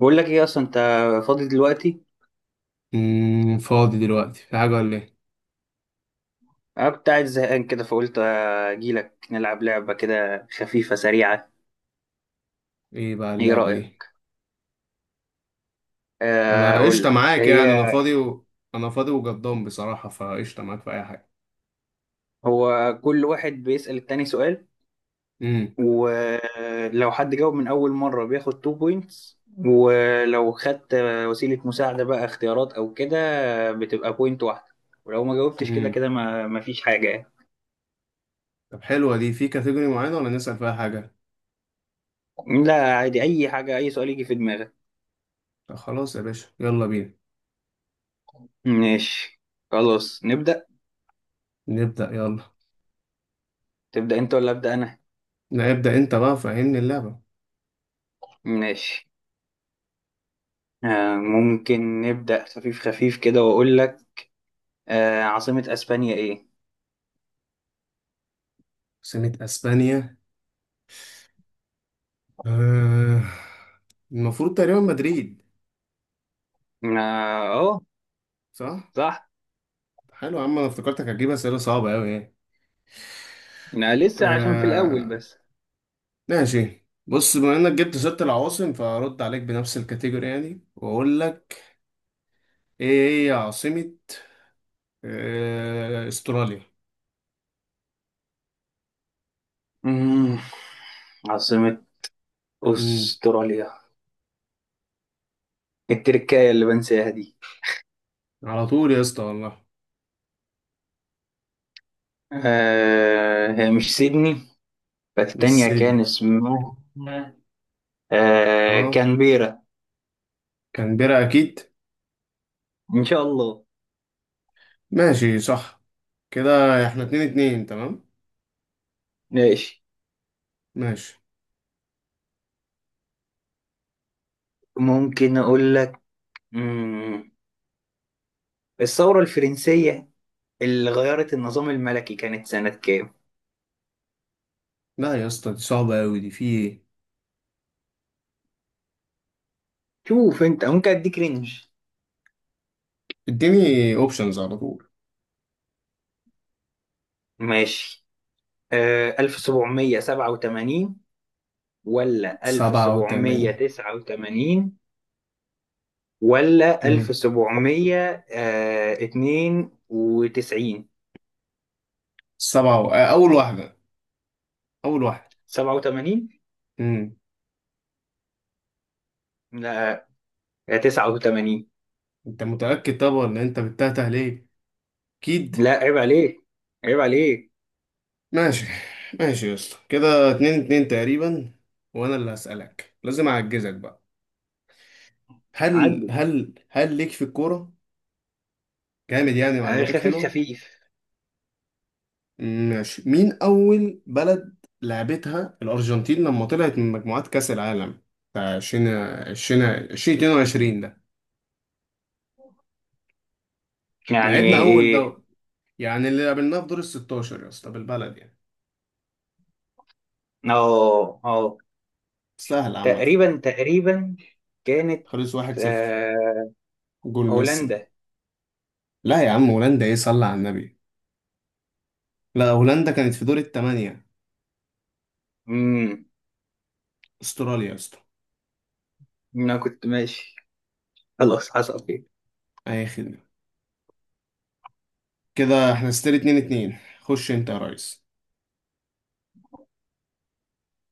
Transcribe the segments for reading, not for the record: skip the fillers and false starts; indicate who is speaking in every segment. Speaker 1: بقول لك ايه اصلا انت فاضي دلوقتي؟
Speaker 2: مم، فاضي دلوقتي في حاجة ولا ايه؟
Speaker 1: انا كنت قاعد زهقان كده فقلت اجي لك نلعب لعبه كده خفيفه سريعه.
Speaker 2: ايه بقى
Speaker 1: ايه
Speaker 2: اللعبة دي؟
Speaker 1: رايك؟
Speaker 2: انا
Speaker 1: اقول
Speaker 2: قشطة
Speaker 1: لك
Speaker 2: معاك يعني
Speaker 1: هي.
Speaker 2: انا فاضي انا فاضي وجدان بصراحة فقشطة معاك في اي حاجة.
Speaker 1: هو كل واحد بيسال التاني سؤال،
Speaker 2: امم.
Speaker 1: ولو حد جاوب من اول مره بياخد 2 بوينتس، ولو خدت وسيله مساعده بقى اختيارات او كده بتبقى بوينت واحده، ولو ما جاوبتش كده
Speaker 2: امم.
Speaker 1: كده ما فيش حاجه يعني.
Speaker 2: طب حلوة دي في كاتيجوري معينة ولا نسأل فيها حاجة؟
Speaker 1: لا عادي اي حاجه، اي سؤال يجي في دماغك.
Speaker 2: طب خلاص يا باشا يلا بينا.
Speaker 1: ماشي، خلاص نبدا.
Speaker 2: نبدأ يلا.
Speaker 1: تبدا انت ولا ابدا انا؟
Speaker 2: لا ابدأ انت بقى فهمني اللعبة.
Speaker 1: ماشي. ممكن نبدأ خفيف خفيف كده وأقول لك، عاصمة أسبانيا إيه؟
Speaker 2: سنة اسبانيا، آه، المفروض تقريبا مدريد.
Speaker 1: آه أهو.
Speaker 2: صح؟
Speaker 1: صح.
Speaker 2: حلو يا عم انا افتكرتك هتجيب اسئلة صعبة اوي يعني.
Speaker 1: أنا لسه عشان في الأول
Speaker 2: آه،
Speaker 1: بس.
Speaker 2: ماشي، بص بما انك جبت ست العواصم فارد عليك بنفس الكاتيجوري يعني، واقول لك ايه هي عاصمة استراليا.
Speaker 1: مم. عاصمة
Speaker 2: امم.
Speaker 1: أستراليا التركاية اللي بنساها دي،
Speaker 2: على طول يا اسطى والله.
Speaker 1: هي مش سيدني.
Speaker 2: مش
Speaker 1: فالتانية كان
Speaker 2: سيدني.
Speaker 1: اسمها
Speaker 2: اه،
Speaker 1: كانبيرا.
Speaker 2: كانبيرا اكيد.
Speaker 1: إن شاء الله.
Speaker 2: ماشي صح، كده احنا اتنين اتنين تمام.
Speaker 1: ماشي،
Speaker 2: ماشي.
Speaker 1: ممكن أقول لك. مم. الثورة الفرنسية اللي غيرت النظام الملكي كانت سنة كام؟
Speaker 2: لا يا اسطى دي صعبة اوي، دي في ايه.
Speaker 1: شوف انت ممكن اديك رينج.
Speaker 2: اديني اوبشنز على طول.
Speaker 1: ماشي. 1787 ولا
Speaker 2: سبعة وتمانية.
Speaker 1: 1789 ولا
Speaker 2: امم.
Speaker 1: 1792؟
Speaker 2: سبعة و... آه، اول واحدة، اول واحدة.
Speaker 1: 87؟
Speaker 2: امم.
Speaker 1: لا. 89.
Speaker 2: انت متأكد؟ طب ولا انت بتتهته ليه؟ اكيد.
Speaker 1: لا عيب عليك، عيب عليك،
Speaker 2: ماشي، ماشي يا اسطى، كده اتنين اتنين تقريبا. وانا اللي هسألك لازم اعجزك بقى. هل
Speaker 1: عدل.
Speaker 2: هل هل ليك في الكورة؟ جامد يعني، معلوماتك
Speaker 1: خفيف
Speaker 2: حلوة.
Speaker 1: خفيف.
Speaker 2: ماشي، مين اول بلد لعبتها الارجنتين لما طلعت من مجموعات كأس العالم بتاع 20 20 2022 ده؟
Speaker 1: يعني
Speaker 2: لعبنا اول
Speaker 1: ايه؟
Speaker 2: دوري، يعني اللي قابلناه في دور ال 16 يا اسطى، بالبلد يعني.
Speaker 1: اه اه.
Speaker 2: سهل عامة.
Speaker 1: تقريبا تقريبا كانت،
Speaker 2: خلص 1-0،
Speaker 1: آه
Speaker 2: جول ميسي.
Speaker 1: هولندا.
Speaker 2: لا يا عم هولندا ايه، صلى على النبي. لا هولندا كانت في دور الثمانية.
Speaker 1: امم.
Speaker 2: استراليا يا اسطى.
Speaker 1: انا كنت ماشي، خلاص حصل خير.
Speaker 2: اي خدمة. كده احنا ستيل اتنين اتنين، خش انت يا ريس.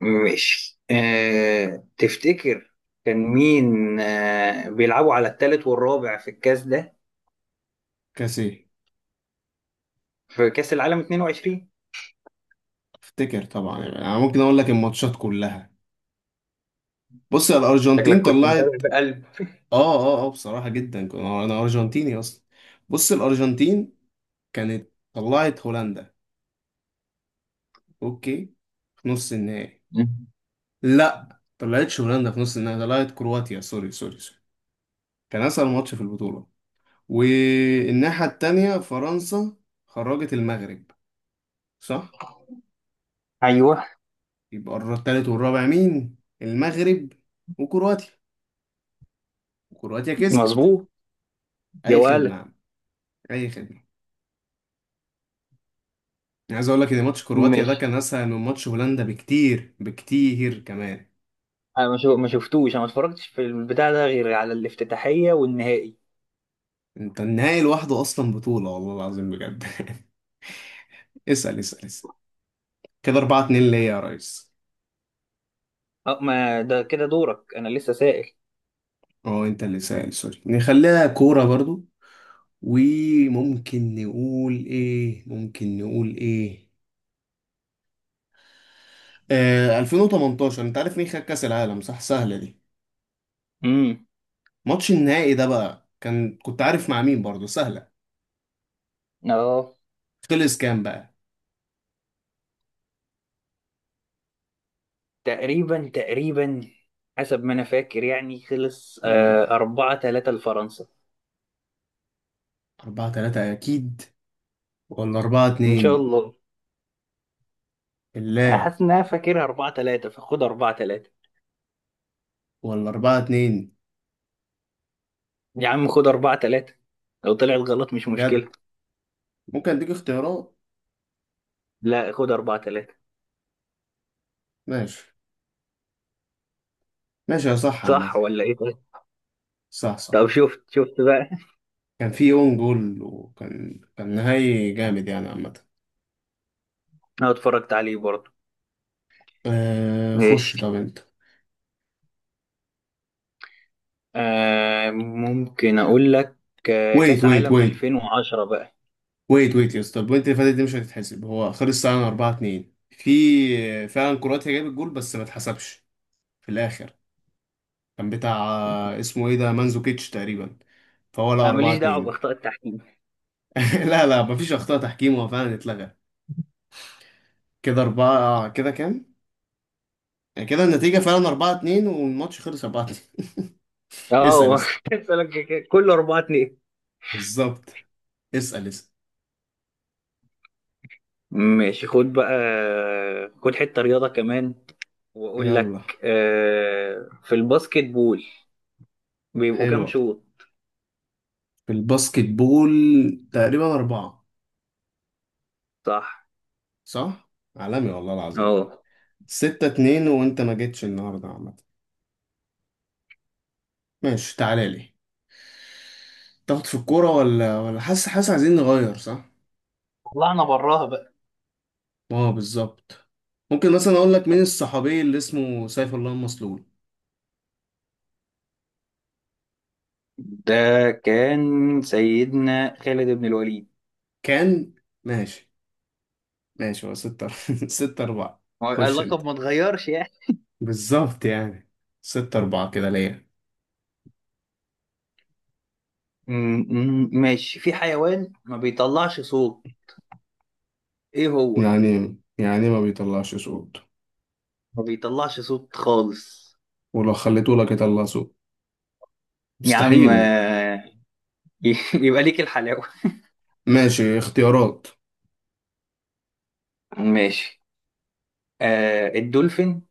Speaker 1: ماشي. تفتكر كان مين بيلعبوا على الثالث والرابع في الكاس ده؟
Speaker 2: كاس ايه؟
Speaker 1: في كاس العالم 22.
Speaker 2: افتكر طبعا، يعني انا ممكن اقول لك الماتشات كلها. بص، يا الارجنتين
Speaker 1: شكلك كنت متابع
Speaker 2: طلعت.
Speaker 1: بقلب.
Speaker 2: اه اه اه، بصراحة جدا أنا ارجنتيني اصلا. بص، الارجنتين كانت طلعت هولندا، اوكي، في نص النهائي.
Speaker 1: مم.
Speaker 2: لا طلعتش هولندا في نص النهائي، طلعت كرواتيا، سوري سوري سوري. كان اسهل ماتش في البطولة. والناحية التانية فرنسا خرجت المغرب، صح؟
Speaker 1: ايوه
Speaker 2: يبقى التالت والرابع مين؟ المغرب وكرواتيا. وكرواتيا كسبت.
Speaker 1: مظبوط يا
Speaker 2: اي خدمه يا
Speaker 1: ولد.
Speaker 2: عم، اي خدمه. أنا عايز اقول لك ان ماتش كرواتيا ده
Speaker 1: ماشي.
Speaker 2: كان اسهل من ماتش هولندا بكتير بكتير كمان.
Speaker 1: انا ما شفتوش، انا ما اتفرجتش في البتاع ده غير على الافتتاحيه والنهائي.
Speaker 2: انت النهائي لوحده اصلا بطوله، والله العظيم بجد. اسال اسال اسال، كده 4 2 ليا يا ريس.
Speaker 1: اه. ما ده كده دورك، انا لسه سائل.
Speaker 2: اه انت اللي سائل، سوري، نخليها كوره برضو. وممكن نقول ايه، ممكن نقول ايه؟ 2018 انت عارف مين خد كاس العالم؟ صح، سهله دي.
Speaker 1: امم.
Speaker 2: ماتش النهائي ده بقى كان، كنت عارف مع مين؟ برضه سهلة.
Speaker 1: اه.
Speaker 2: خلص كام بقى؟
Speaker 1: تقريبا تقريبا حسب ما انا فاكر يعني خلص
Speaker 2: مم.
Speaker 1: 4-3 لفرنسا.
Speaker 2: أربعة تلاتة أكيد، ولا أربعة
Speaker 1: ان شاء
Speaker 2: اتنين؟
Speaker 1: الله.
Speaker 2: بالله.
Speaker 1: حاسس ان انا فاكرها 4-3، فخد 4-3.
Speaker 2: ولا أربعة اتنين؟
Speaker 1: يا عم خد 4-3، لو طلعت غلط مش مشكلة.
Speaker 2: بجد؟ ممكن أديك اختيارات؟
Speaker 1: لا، خد 4-3.
Speaker 2: ماشي. ماشي يا، صح عامة.
Speaker 1: صح ولا ايه؟ طيب.
Speaker 2: صح
Speaker 1: طب
Speaker 2: صح.
Speaker 1: شفت شفت بقى.
Speaker 2: كان في اون جول، وكان نهائي جامد يعني عامة.
Speaker 1: انا اتفرجت عليه برضه.
Speaker 2: خش
Speaker 1: ماشي.
Speaker 2: طب أنت.
Speaker 1: ممكن اقول لك،
Speaker 2: ويت
Speaker 1: كاس
Speaker 2: ويت
Speaker 1: عالم
Speaker 2: ويت،
Speaker 1: 2010 بقى.
Speaker 2: ويت ويت يا اسطى، البوينت اللي فاتت دي مش هتتحسب. هو خلص ساعة 4 2، في فعلا كرواتيا جابت جول بس ما اتحسبش في الآخر. كان بتاع اسمه ايه ده، مانزوكيتش تقريبا. فهو لا،
Speaker 1: انا
Speaker 2: أربعة
Speaker 1: ماليش دعوة
Speaker 2: اتنين.
Speaker 1: باخطاء التحكيم.
Speaker 2: لا لا، مفيش أخطاء تحكيم، هو فعلا اتلغى. كده أربعة، كده كام؟ يعني كده النتيجة فعلا أربعة اتنين، والماتش خلص أربعة اتنين. اسأل
Speaker 1: اه
Speaker 2: اسأل.
Speaker 1: كنت هسألك كده. كله 4-2.
Speaker 2: بالظبط. اسأل اسأل.
Speaker 1: ماشي، خد بقى. خد حتة رياضة كمان واقول
Speaker 2: يلا.
Speaker 1: لك، في الباسكت بول بيبقوا كام
Speaker 2: حلوة.
Speaker 1: شوط؟
Speaker 2: في الباسكت بول تقريبا أربعة.
Speaker 1: صح.
Speaker 2: صح؟ عالمي والله العظيم.
Speaker 1: اه.
Speaker 2: ستة اتنين، وأنت ما جيتش النهاردة عامة. ماشي تعالى لي. تاخد في الكورة ولا حاسس، حاسس عايزين نغير، صح؟
Speaker 1: طلعنا براها بقى.
Speaker 2: اه بالظبط. ممكن مثلا اقول لك مين الصحابي اللي اسمه سيف الله المسلول؟
Speaker 1: ده كان سيدنا خالد بن الوليد.
Speaker 2: كان. ماشي ماشي، هو ستة ستة أربعة.
Speaker 1: هو
Speaker 2: خش انت.
Speaker 1: اللقب ما اتغيرش يعني.
Speaker 2: بالظبط يعني، ستة أربعة كده ليا.
Speaker 1: م- ماشي. في حيوان ما بيطلعش صوت، ايه هو؟
Speaker 2: يعني ما بيطلعش صوت.
Speaker 1: ما بيطلعش صوت خالص.
Speaker 2: ولو خليته لك يطلع صوت،
Speaker 1: يا عم
Speaker 2: مستحيل.
Speaker 1: يبقى ليك الحلاوة.
Speaker 2: ماشي، اختيارات.
Speaker 1: ماشي. الدولفين،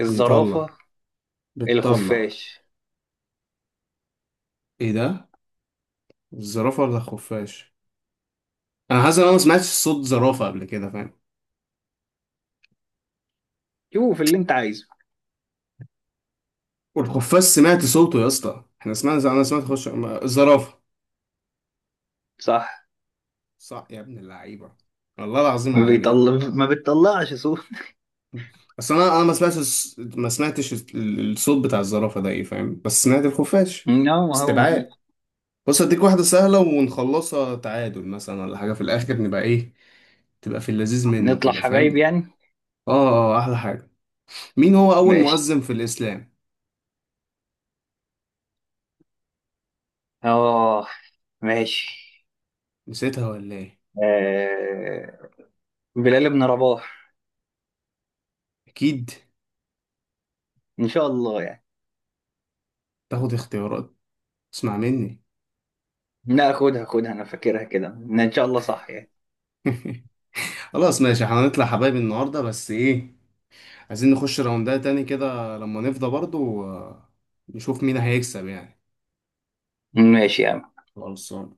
Speaker 1: الزرافة،
Speaker 2: بيطلع. بتطلع.
Speaker 1: الخفاش.
Speaker 2: ايه ده، الزرافة ولا الخفاش؟ انا حاسس ان انا ما سمعتش صوت زرافة قبل كده، فاهم.
Speaker 1: شوف اللي انت عايزه.
Speaker 2: والخفاش سمعت صوته يا اسطى، احنا سمعنا، انا سمعت، خش. الزرافة.
Speaker 1: صح.
Speaker 2: صح يا ابن اللعيبة، والله العظيم عالمي.
Speaker 1: ما بتطلعش صوت.
Speaker 2: اصل انا ما سمعتش الس- ما سمعتش ال- الصوت بتاع الزرافة ده ايه، فاهم، بس سمعت الخفاش.
Speaker 1: لا ما هو ما فيه.
Speaker 2: استبعاد. بص اديك واحدة سهلة ونخلصها تعادل مثلا ولا حاجة، في الاخر نبقى ايه، تبقى في اللذيذ منه
Speaker 1: نطلع
Speaker 2: كده،
Speaker 1: حبايب
Speaker 2: فاهم.
Speaker 1: يعني.
Speaker 2: اه اه، احلى حاجة. مين هو اول
Speaker 1: ماشي.
Speaker 2: مؤذن في الاسلام؟
Speaker 1: اه. ماشي.
Speaker 2: نسيتها ولا ايه؟
Speaker 1: آه بلال بن رباح.
Speaker 2: اكيد.
Speaker 1: ان شاء الله يعني.
Speaker 2: تاخد اختيارات؟ اسمع مني.
Speaker 1: لا، خدها خدها انا فاكرها كده ان شاء الله صح يعني.
Speaker 2: خلاص ماشي، احنا هنطلع حبايب النهاردة، بس ايه، عايزين نخش راوندات تاني كده لما نفضى برضو، نشوف مين هيكسب يعني.
Speaker 1: ماشي يا عم.
Speaker 2: خلصان.